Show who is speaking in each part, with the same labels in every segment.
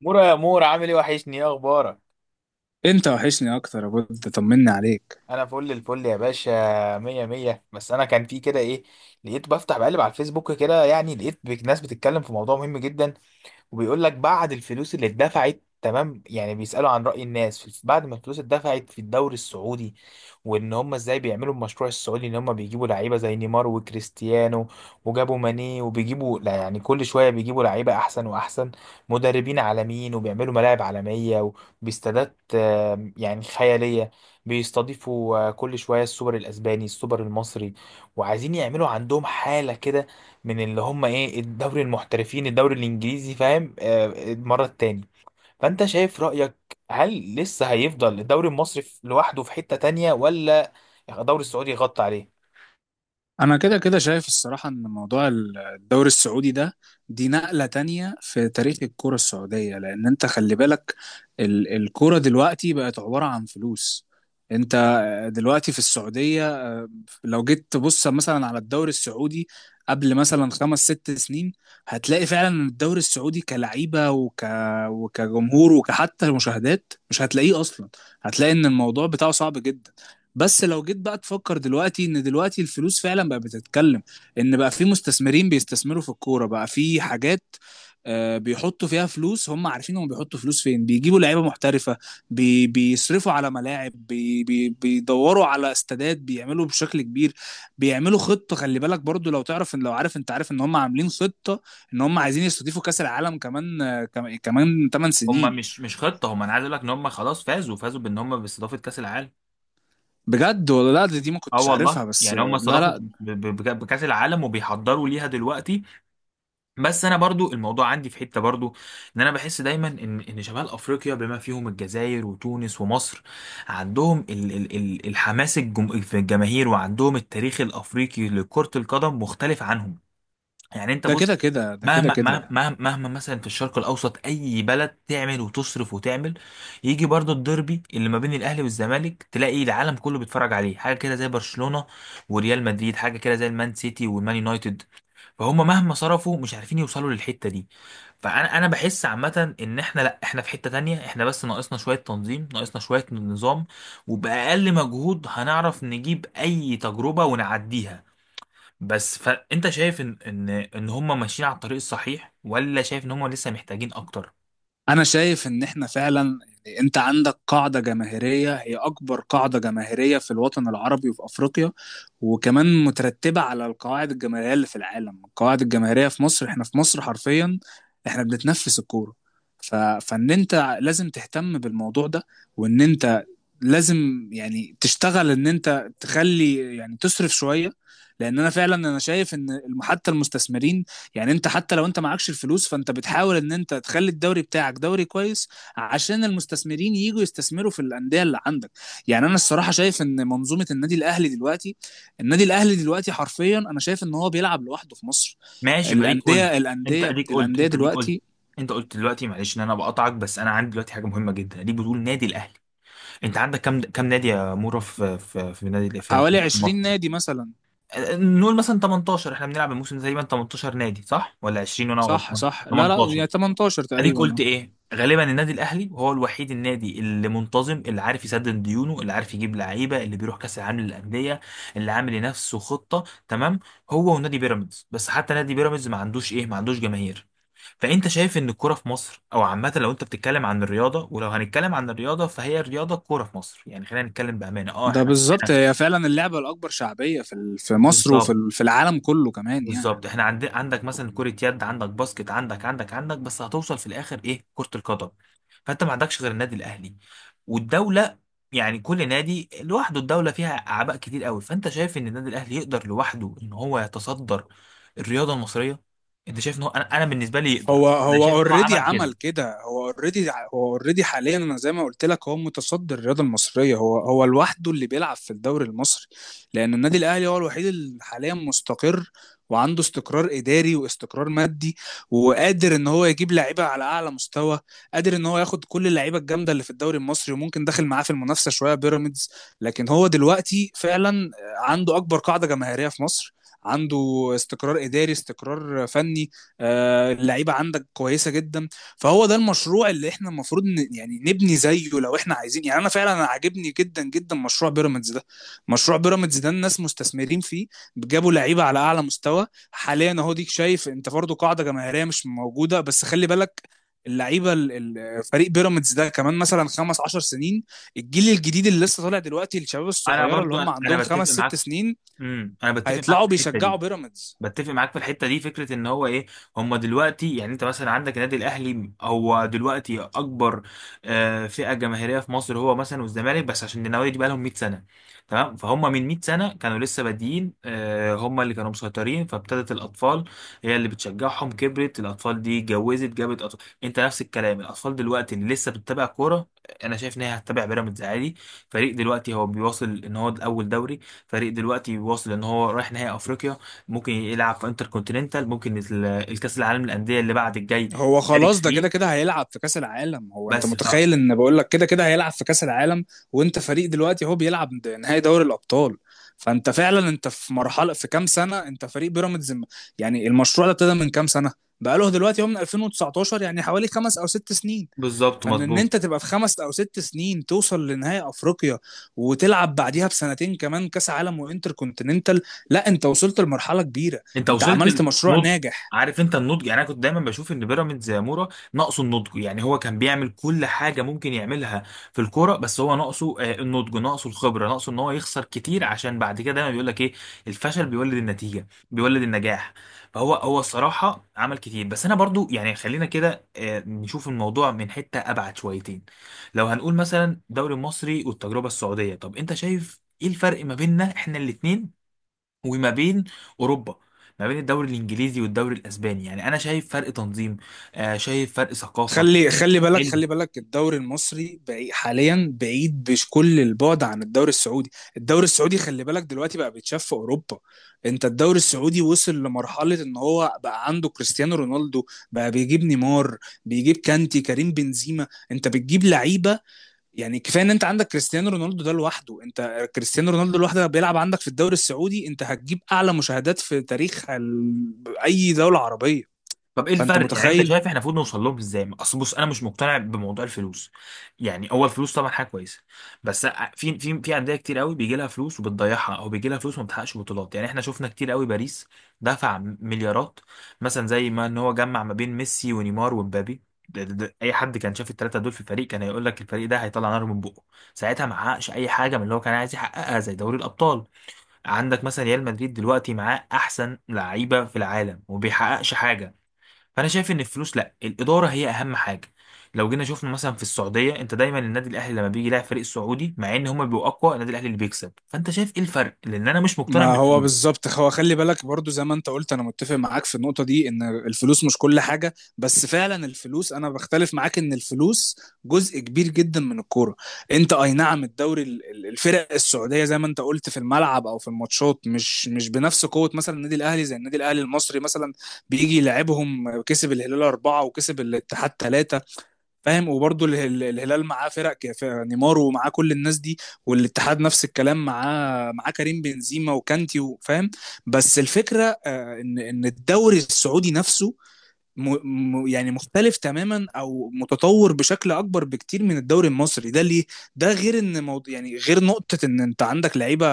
Speaker 1: مورا يا مورا، عامل ايه؟ وحشني، ايه اخبارك؟
Speaker 2: انت وحشني اكتر يا بود، طمني عليك.
Speaker 1: انا فل الفل يا باشا. مية مية. بس انا كان في كده ايه، لقيت بفتح بقلب على الفيسبوك كده، يعني لقيت ناس بتتكلم في موضوع مهم جدا، وبيقول لك بعد الفلوس اللي اتدفعت، تمام؟ يعني بيسألوا عن رأي الناس بعد ما الفلوس اتدفعت في الدوري السعودي، وان هم ازاي بيعملوا المشروع السعودي، ان هم بيجيبوا لعيبة زي نيمار وكريستيانو، وجابوا ماني، وبيجيبوا لا يعني كل شوية بيجيبوا لعيبة احسن واحسن، مدربين عالميين، وبيعملوا ملاعب عالمية وباستادات يعني خيالية. بيستضيفوا كل شوية السوبر الاسباني، السوبر المصري، وعايزين يعملوا عندهم حالة كده، من اللي هم ايه، الدوري المحترفين، الدوري الانجليزي، فاهم؟ المره التاني. فانت شايف رايك، هل لسه هيفضل الدوري المصري لوحده في حته تانية، ولا الدوري السعودي يغطي عليه؟
Speaker 2: انا كده كده شايف الصراحة ان موضوع الدوري السعودي ده دي نقلة تانية في تاريخ الكرة السعودية، لان انت خلي بالك الكرة دلوقتي بقت عبارة عن فلوس. انت دلوقتي في السعودية. لو جيت تبص مثلا على الدوري السعودي قبل مثلا خمس ست سنين، هتلاقي فعلا ان الدوري السعودي كلعيبة وكجمهور وكحتى مشاهدات مش هتلاقيه اصلا. هتلاقي ان الموضوع بتاعه صعب جدا. بس لو جيت بقى تفكر دلوقتي ان دلوقتي الفلوس فعلا بقى بتتكلم، ان بقى في مستثمرين بيستثمروا في الكوره، بقى في حاجات بيحطوا فيها فلوس. هم عارفين هم بيحطوا فلوس فين، بيجيبوا لعيبه محترفه، بيصرفوا على ملاعب، بي بي بيدوروا على استادات، بيعملوا بشكل كبير. بيعملوا خطه. خلي بالك برضو، لو تعرف ان لو عارف انت عارف ان هم عاملين خطه ان هم عايزين يستضيفوا كاس العالم كمان، كمان 8
Speaker 1: هما
Speaker 2: سنين.
Speaker 1: مش خطه، هما انا عايز اقول لك ان هما خلاص فازوا، فازوا بان هما باستضافه كاس العالم.
Speaker 2: بجد ولا لا؟ دي ما
Speaker 1: اه
Speaker 2: كنتش
Speaker 1: والله،
Speaker 2: عارفها بس.
Speaker 1: يعني هما
Speaker 2: لا
Speaker 1: استضافوا
Speaker 2: لا،
Speaker 1: بكاس العالم، وبيحضروا ليها دلوقتي. بس انا برضو الموضوع عندي في حته برضو، ان انا بحس دايما ان شمال افريقيا بما فيهم الجزائر وتونس ومصر، عندهم ال ال ال الحماس الجم في الجماهير، وعندهم التاريخ الافريقي لكره القدم مختلف عنهم. يعني انت
Speaker 2: ده
Speaker 1: بص،
Speaker 2: كده كده ده كده كده.
Speaker 1: مهما مثلا في الشرق الاوسط اي بلد تعمل وتصرف وتعمل، يجي برضو الديربي اللي ما بين الاهلي والزمالك، تلاقي العالم كله بيتفرج عليه، حاجه كده زي برشلونه وريال مدريد، حاجه كده زي المان سيتي والمان يونايتد. فهم مهما صرفوا مش عارفين يوصلوا للحته دي. فانا بحس عامه ان احنا، لا احنا في حته تانية، احنا بس ناقصنا شويه تنظيم، ناقصنا شويه نظام، وباقل مجهود هنعرف نجيب اي تجربه ونعديها. بس فانت شايف ان هم ماشيين على الطريق الصحيح، ولا شايف ان هم لسه محتاجين اكتر؟
Speaker 2: انا شايف ان احنا فعلا، يعني انت عندك قاعدة جماهيرية هي اكبر قاعدة جماهيرية في الوطن العربي وفي افريقيا، وكمان مترتبة على القواعد الجماهيرية اللي في العالم. القواعد الجماهيرية في مصر، احنا في مصر حرفيا احنا بنتنفس الكورة. فان انت لازم تهتم بالموضوع ده، وان انت لازم يعني تشتغل ان انت تخلي يعني تصرف شويه. لان انا فعلا انا شايف ان حتى المستثمرين، يعني انت حتى لو انت معكش الفلوس، فانت بتحاول ان انت تخلي الدوري بتاعك دوري كويس عشان المستثمرين يجوا يستثمروا في الانديه اللي عندك. يعني انا الصراحه شايف ان منظومه النادي الاهلي دلوقتي، النادي الاهلي دلوقتي حرفيا انا شايف ان هو بيلعب لوحده في مصر.
Speaker 1: ماشي، ما ليك قلت.
Speaker 2: الانديه الانديه الانديه
Speaker 1: انت اديك قلت.
Speaker 2: دلوقتي
Speaker 1: انت قلت دلوقتي، معلش ان انا بقطعك، بس انا عندي دلوقتي حاجه مهمه جدا ليك. بتقول نادي الاهلي، انت عندك كام نادي يا مورا؟ في في في نادي في في
Speaker 2: حوالي 20
Speaker 1: مصر.
Speaker 2: نادي مثلا.
Speaker 1: نقول مثلا 18، احنا بنلعب الموسم ده تقريبا 18 نادي، صح ولا 20 وانا
Speaker 2: صح
Speaker 1: غلطان؟
Speaker 2: صح، لا لا،
Speaker 1: 18.
Speaker 2: يعني 18
Speaker 1: اديك قلت
Speaker 2: تقريبا.
Speaker 1: ايه، غالبا النادي الاهلي هو الوحيد النادي اللي منتظم، اللي عارف يسدد ديونه، اللي عارف يجيب لعيبه، اللي بيروح كاس العالم للانديه، اللي عامل لنفسه خطه، تمام؟ هو ونادي بيراميدز، بس حتى نادي بيراميدز ما عندوش ايه، ما عندوش جماهير. فانت شايف ان الكوره في مصر او عامه، لو انت بتتكلم عن الرياضه، ولو هنتكلم عن الرياضه فهي الرياضه، الكوره في مصر. يعني خلينا نتكلم بامانه، اه
Speaker 2: ده
Speaker 1: احنا
Speaker 2: بالظبط هي فعلا اللعبة الأكبر شعبية في مصر
Speaker 1: بالظبط.
Speaker 2: في العالم كله كمان يعني.
Speaker 1: بالظبط، احنا عندك مثلا كرة يد، عندك باسكت، عندك، بس هتوصل في الاخر ايه؟ كرة القدم. فانت ما عندكش غير النادي الاهلي والدولة. يعني كل نادي لوحده، الدولة فيها اعباء كتير قوي. فانت شايف ان النادي الاهلي يقدر لوحده ان هو يتصدر الرياضة المصرية؟ انت شايف ان هو، أنا بالنسبة لي يقدر،
Speaker 2: هو
Speaker 1: انا
Speaker 2: هو
Speaker 1: شايف ان هو
Speaker 2: اوريدي
Speaker 1: عمل كده.
Speaker 2: عمل كده. هو اوريدي حاليا. انا زي ما قلت لك هو متصدر الرياضه المصريه. هو لوحده اللي بيلعب في الدوري المصري، لان النادي الاهلي هو الوحيد اللي حاليا مستقر، وعنده استقرار اداري واستقرار مادي، وقادر ان هو يجيب لعيبه على اعلى مستوى. قادر ان هو ياخد كل اللعيبه الجامده اللي في الدوري المصري، وممكن داخل معاه في المنافسه شويه بيراميدز. لكن هو دلوقتي فعلا عنده اكبر قاعده جماهيريه في مصر، عنده استقرار اداري، استقرار فني. اللعيبه عندك كويسه جدا. فهو ده المشروع اللي احنا المفروض يعني نبني زيه لو احنا عايزين. يعني انا فعلا أنا عاجبني جدا جدا مشروع بيراميدز ده. مشروع بيراميدز ده الناس مستثمرين فيه. جابوا لعيبه على اعلى مستوى حاليا اهو. ديك شايف انت برضه قاعده جماهيريه مش موجوده، بس خلي بالك، اللعيبه ال- فريق بيراميدز ده كمان مثلا 15 سنين، الجيل الجديد اللي لسه طالع دلوقتي، الشباب
Speaker 1: انا
Speaker 2: الصغيره اللي
Speaker 1: برضو
Speaker 2: هم
Speaker 1: انا
Speaker 2: عندهم
Speaker 1: أنا
Speaker 2: خمس
Speaker 1: بتفق
Speaker 2: ست
Speaker 1: معاك.
Speaker 2: سنين
Speaker 1: انا بتفق معاك في
Speaker 2: هيطلعوا
Speaker 1: الحتة
Speaker 2: بيشجعوا
Speaker 1: دي.
Speaker 2: بيراميدز.
Speaker 1: بتفق معاك في الحته دي، فكره ان هو ايه. هم دلوقتي، يعني انت مثلا عندك النادي الاهلي، هو دلوقتي اكبر فئه جماهيريه في مصر، هو مثلا والزمالك، بس عشان النوادي دي بقى لهم 100 سنه، تمام؟ فهم من 100 سنه كانوا لسه بادئين، هم اللي كانوا مسيطرين، فابتدت الاطفال هي اللي بتشجعهم، كبرت الاطفال دي اتجوزت جابت أطفال. انت نفس الكلام، الاطفال دلوقتي اللي لسه بتتابع كوره، انا شايف ان هي هتتابع بيراميدز عادي. فريق دلوقتي هو بيواصل ان هو الاول دوري، فريق دلوقتي بيواصل ان هو رايح نهائي افريقيا، ممكن يلعب في انتر كونتيننتال، ممكن الكاس العالم للانديه اللي بعد الجاي،
Speaker 2: هو
Speaker 1: يشارك
Speaker 2: خلاص ده كده
Speaker 1: فيه.
Speaker 2: كده هيلعب في كأس العالم. هو انت
Speaker 1: بس ف
Speaker 2: متخيل ان بقول لك كده كده هيلعب في كأس العالم. وانت فريق دلوقتي هو بيلعب نهائي دوري الأبطال. فانت فعلا انت في مرحلة في كام سنة. انت فريق بيراميدز يعني المشروع ده ابتدى من كام سنة؟ بقاله دلوقتي هو من 2019، يعني حوالي خمس او ست سنين.
Speaker 1: بالظبط،
Speaker 2: فان ان
Speaker 1: مظبوط.
Speaker 2: انت تبقى في خمس او ست سنين توصل لنهائي افريقيا، وتلعب بعديها بسنتين كمان كاس عالم وانتر كونتيننتال. لا انت وصلت لمرحله كبيره.
Speaker 1: انت
Speaker 2: انت
Speaker 1: وصلت
Speaker 2: عملت مشروع
Speaker 1: النضج.
Speaker 2: ناجح.
Speaker 1: عارف انت النضج، يعني انا كنت دايما بشوف ان بيراميدز يا مورا ناقصه النضج، يعني هو كان بيعمل كل حاجه ممكن يعملها في الكوره، بس هو ناقصه النضج، ناقصه الخبره، ناقصه ان هو يخسر كتير، عشان بعد كده دايما بيقول لك ايه، الفشل بيولد النتيجه، بيولد النجاح. فهو هو الصراحه عمل كتير، بس انا برضو يعني خلينا كده نشوف الموضوع من حته ابعد شويتين. لو هنقول مثلا الدوري المصري والتجربه السعوديه، طب انت شايف ايه الفرق ما بيننا احنا الاثنين، وما بين اوروبا، ما بين الدوري الانجليزي والدوري الاسباني؟ يعني انا شايف فرق تنظيم، شايف فرق ثقافه.
Speaker 2: خلي بالك الدوري المصري بعيد حاليا، بعيد بكل البعد عن الدوري السعودي. الدوري السعودي خلي بالك دلوقتي بقى بيتشاف في اوروبا. انت الدوري السعودي وصل لمرحلة ان هو بقى عنده كريستيانو رونالدو، بقى بيجيب نيمار، بيجيب كانتي، كريم بنزيما. انت بتجيب لعيبة. يعني كفاية ان انت عندك كريستيانو رونالدو ده لوحده. انت كريستيانو رونالدو لوحده بيلعب عندك في الدوري السعودي، انت هتجيب اعلى مشاهدات في تاريخ اي دولة عربية.
Speaker 1: طب ايه
Speaker 2: فانت
Speaker 1: الفرق، يعني انت
Speaker 2: متخيل.
Speaker 1: شايف احنا المفروض نوصل لهم ازاي؟ اصل بص، انا مش مقتنع بموضوع الفلوس. يعني اول فلوس طبعا حاجه كويسه، بس في انديه كتير قوي بيجي لها فلوس وبتضيعها، او بيجي لها فلوس وما بتحققش بطولات. يعني احنا شفنا كتير قوي، باريس دفع مليارات، مثلا زي ما ان هو جمع ما بين ميسي ونيمار ومبابي، ده اي حد كان شاف الثلاثه دول في الفريق كان هيقول لك الفريق ده هيطلع نار من بقه. ساعتها ما حققش اي حاجه من اللي هو كان عايز يحققها زي دوري الابطال. عندك مثلا ريال مدريد دلوقتي معاه احسن لعيبه في العالم وبيحققش حاجه. فانا شايف ان الفلوس لا، الاداره هي اهم حاجه. لو جينا شفنا مثلا في السعوديه، انت دايما النادي الاهلي لما بيجي يلاعب فريق سعودي، مع ان هما بيبقوا اقوى، النادي الاهلي اللي بيكسب. فانت شايف ايه الفرق، لان انا مش مقتنع
Speaker 2: ما هو
Speaker 1: بالفلوس.
Speaker 2: بالظبط. هو خلي بالك برضو، زي ما انت قلت انا متفق معاك في النقطة دي ان الفلوس مش كل حاجة، بس فعلا الفلوس انا بختلف معاك ان الفلوس جزء كبير جدا من الكورة. انت اي نعم الدوري الفرق السعودية زي ما انت قلت في الملعب او في الماتشات مش بنفس قوة مثلا النادي الاهلي، زي النادي الاهلي المصري مثلا، بيجي يلعبهم كسب الهلال أربعة وكسب الاتحاد ثلاثة. فاهم؟ وبرضه الهلال معاه فرق نيمار ومعاه كل الناس دي. والاتحاد نفس الكلام معاه كريم بنزيما وكانتي فاهم. بس الفكره، ان الدوري السعودي نفسه م... يعني مختلف تماما او متطور بشكل اكبر بكتير من الدوري المصري، ده ليه؟ ده غير ان موضوع، يعني غير نقطة ان انت عندك لعيبة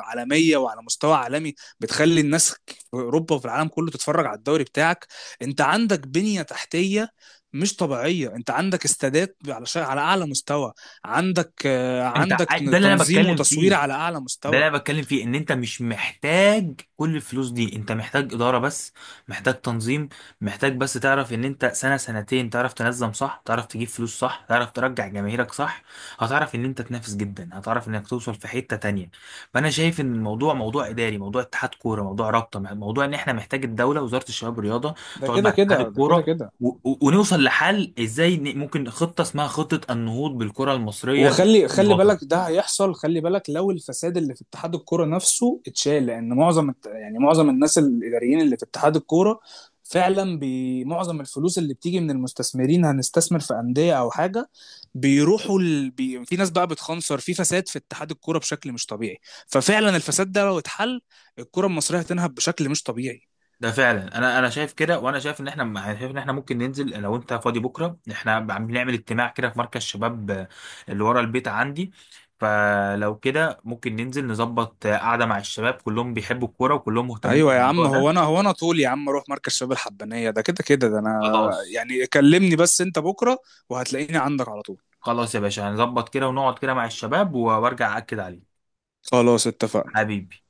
Speaker 2: عالمية وعلى مستوى عالمي، بتخلي الناس في اوروبا وفي العالم كله تتفرج على الدوري بتاعك. انت عندك بنية تحتية مش طبيعية. انت عندك استادات على اعلى مستوى. عندك
Speaker 1: ده اللي انا
Speaker 2: تنظيم
Speaker 1: بتكلم
Speaker 2: وتصوير
Speaker 1: فيه.
Speaker 2: على اعلى
Speaker 1: ده اللي
Speaker 2: مستوى.
Speaker 1: انا بتكلم فيه، ان انت مش محتاج كل الفلوس دي، انت محتاج اداره بس، محتاج تنظيم، محتاج بس تعرف ان انت سنه سنتين تعرف تنظم صح، تعرف تجيب فلوس صح، تعرف ترجع جماهيرك صح، هتعرف ان انت تنافس جدا، هتعرف انك توصل في حته تانية. فانا شايف ان الموضوع موضوع اداري، موضوع اتحاد كوره، موضوع رابطه، موضوع ان احنا محتاج الدوله، وزاره الشباب والرياضه
Speaker 2: ده
Speaker 1: تقعد مع
Speaker 2: كده
Speaker 1: اتحاد
Speaker 2: كده ده كده
Speaker 1: الكوره،
Speaker 2: كده.
Speaker 1: ونوصل لحل ازاي، ممكن خطه اسمها خطه النهوض بالكره المصريه
Speaker 2: وخلي
Speaker 1: من
Speaker 2: خلي
Speaker 1: الوطن.
Speaker 2: بالك ده هيحصل. خلي بالك لو الفساد اللي في اتحاد الكوره نفسه اتشال، لان معظم يعني معظم الناس الاداريين اللي في اتحاد الكوره فعلا معظم الفلوس اللي بتيجي من المستثمرين هنستثمر في انديه او حاجه، بيروحوا في ناس بقى بتخنصر في فساد في اتحاد الكوره بشكل مش طبيعي. ففعلا الفساد ده لو اتحل، الكوره المصريه هتنهب بشكل مش طبيعي.
Speaker 1: ده فعلا انا شايف كده، وانا شايف ان احنا، شايف ان احنا ممكن ننزل. لو انت فاضي بكره، احنا عم بنعمل اجتماع كده في مركز شباب اللي ورا البيت عندي. فلو كده ممكن ننزل نظبط قعده مع الشباب، كلهم بيحبوا الكوره وكلهم مهتمين
Speaker 2: ايوه يا
Speaker 1: بالموضوع
Speaker 2: عم.
Speaker 1: ده.
Speaker 2: هو انا طول يا عم اروح مركز شباب الحبانيه. ده كده كده ده انا.
Speaker 1: خلاص.
Speaker 2: يعني كلمني بس انت بكره، وهتلاقيني عندك على طول.
Speaker 1: خلاص يا باشا، هنظبط كده ونقعد كده مع الشباب، وارجع اكد عليه.
Speaker 2: خلاص اتفقنا.
Speaker 1: حبيبي.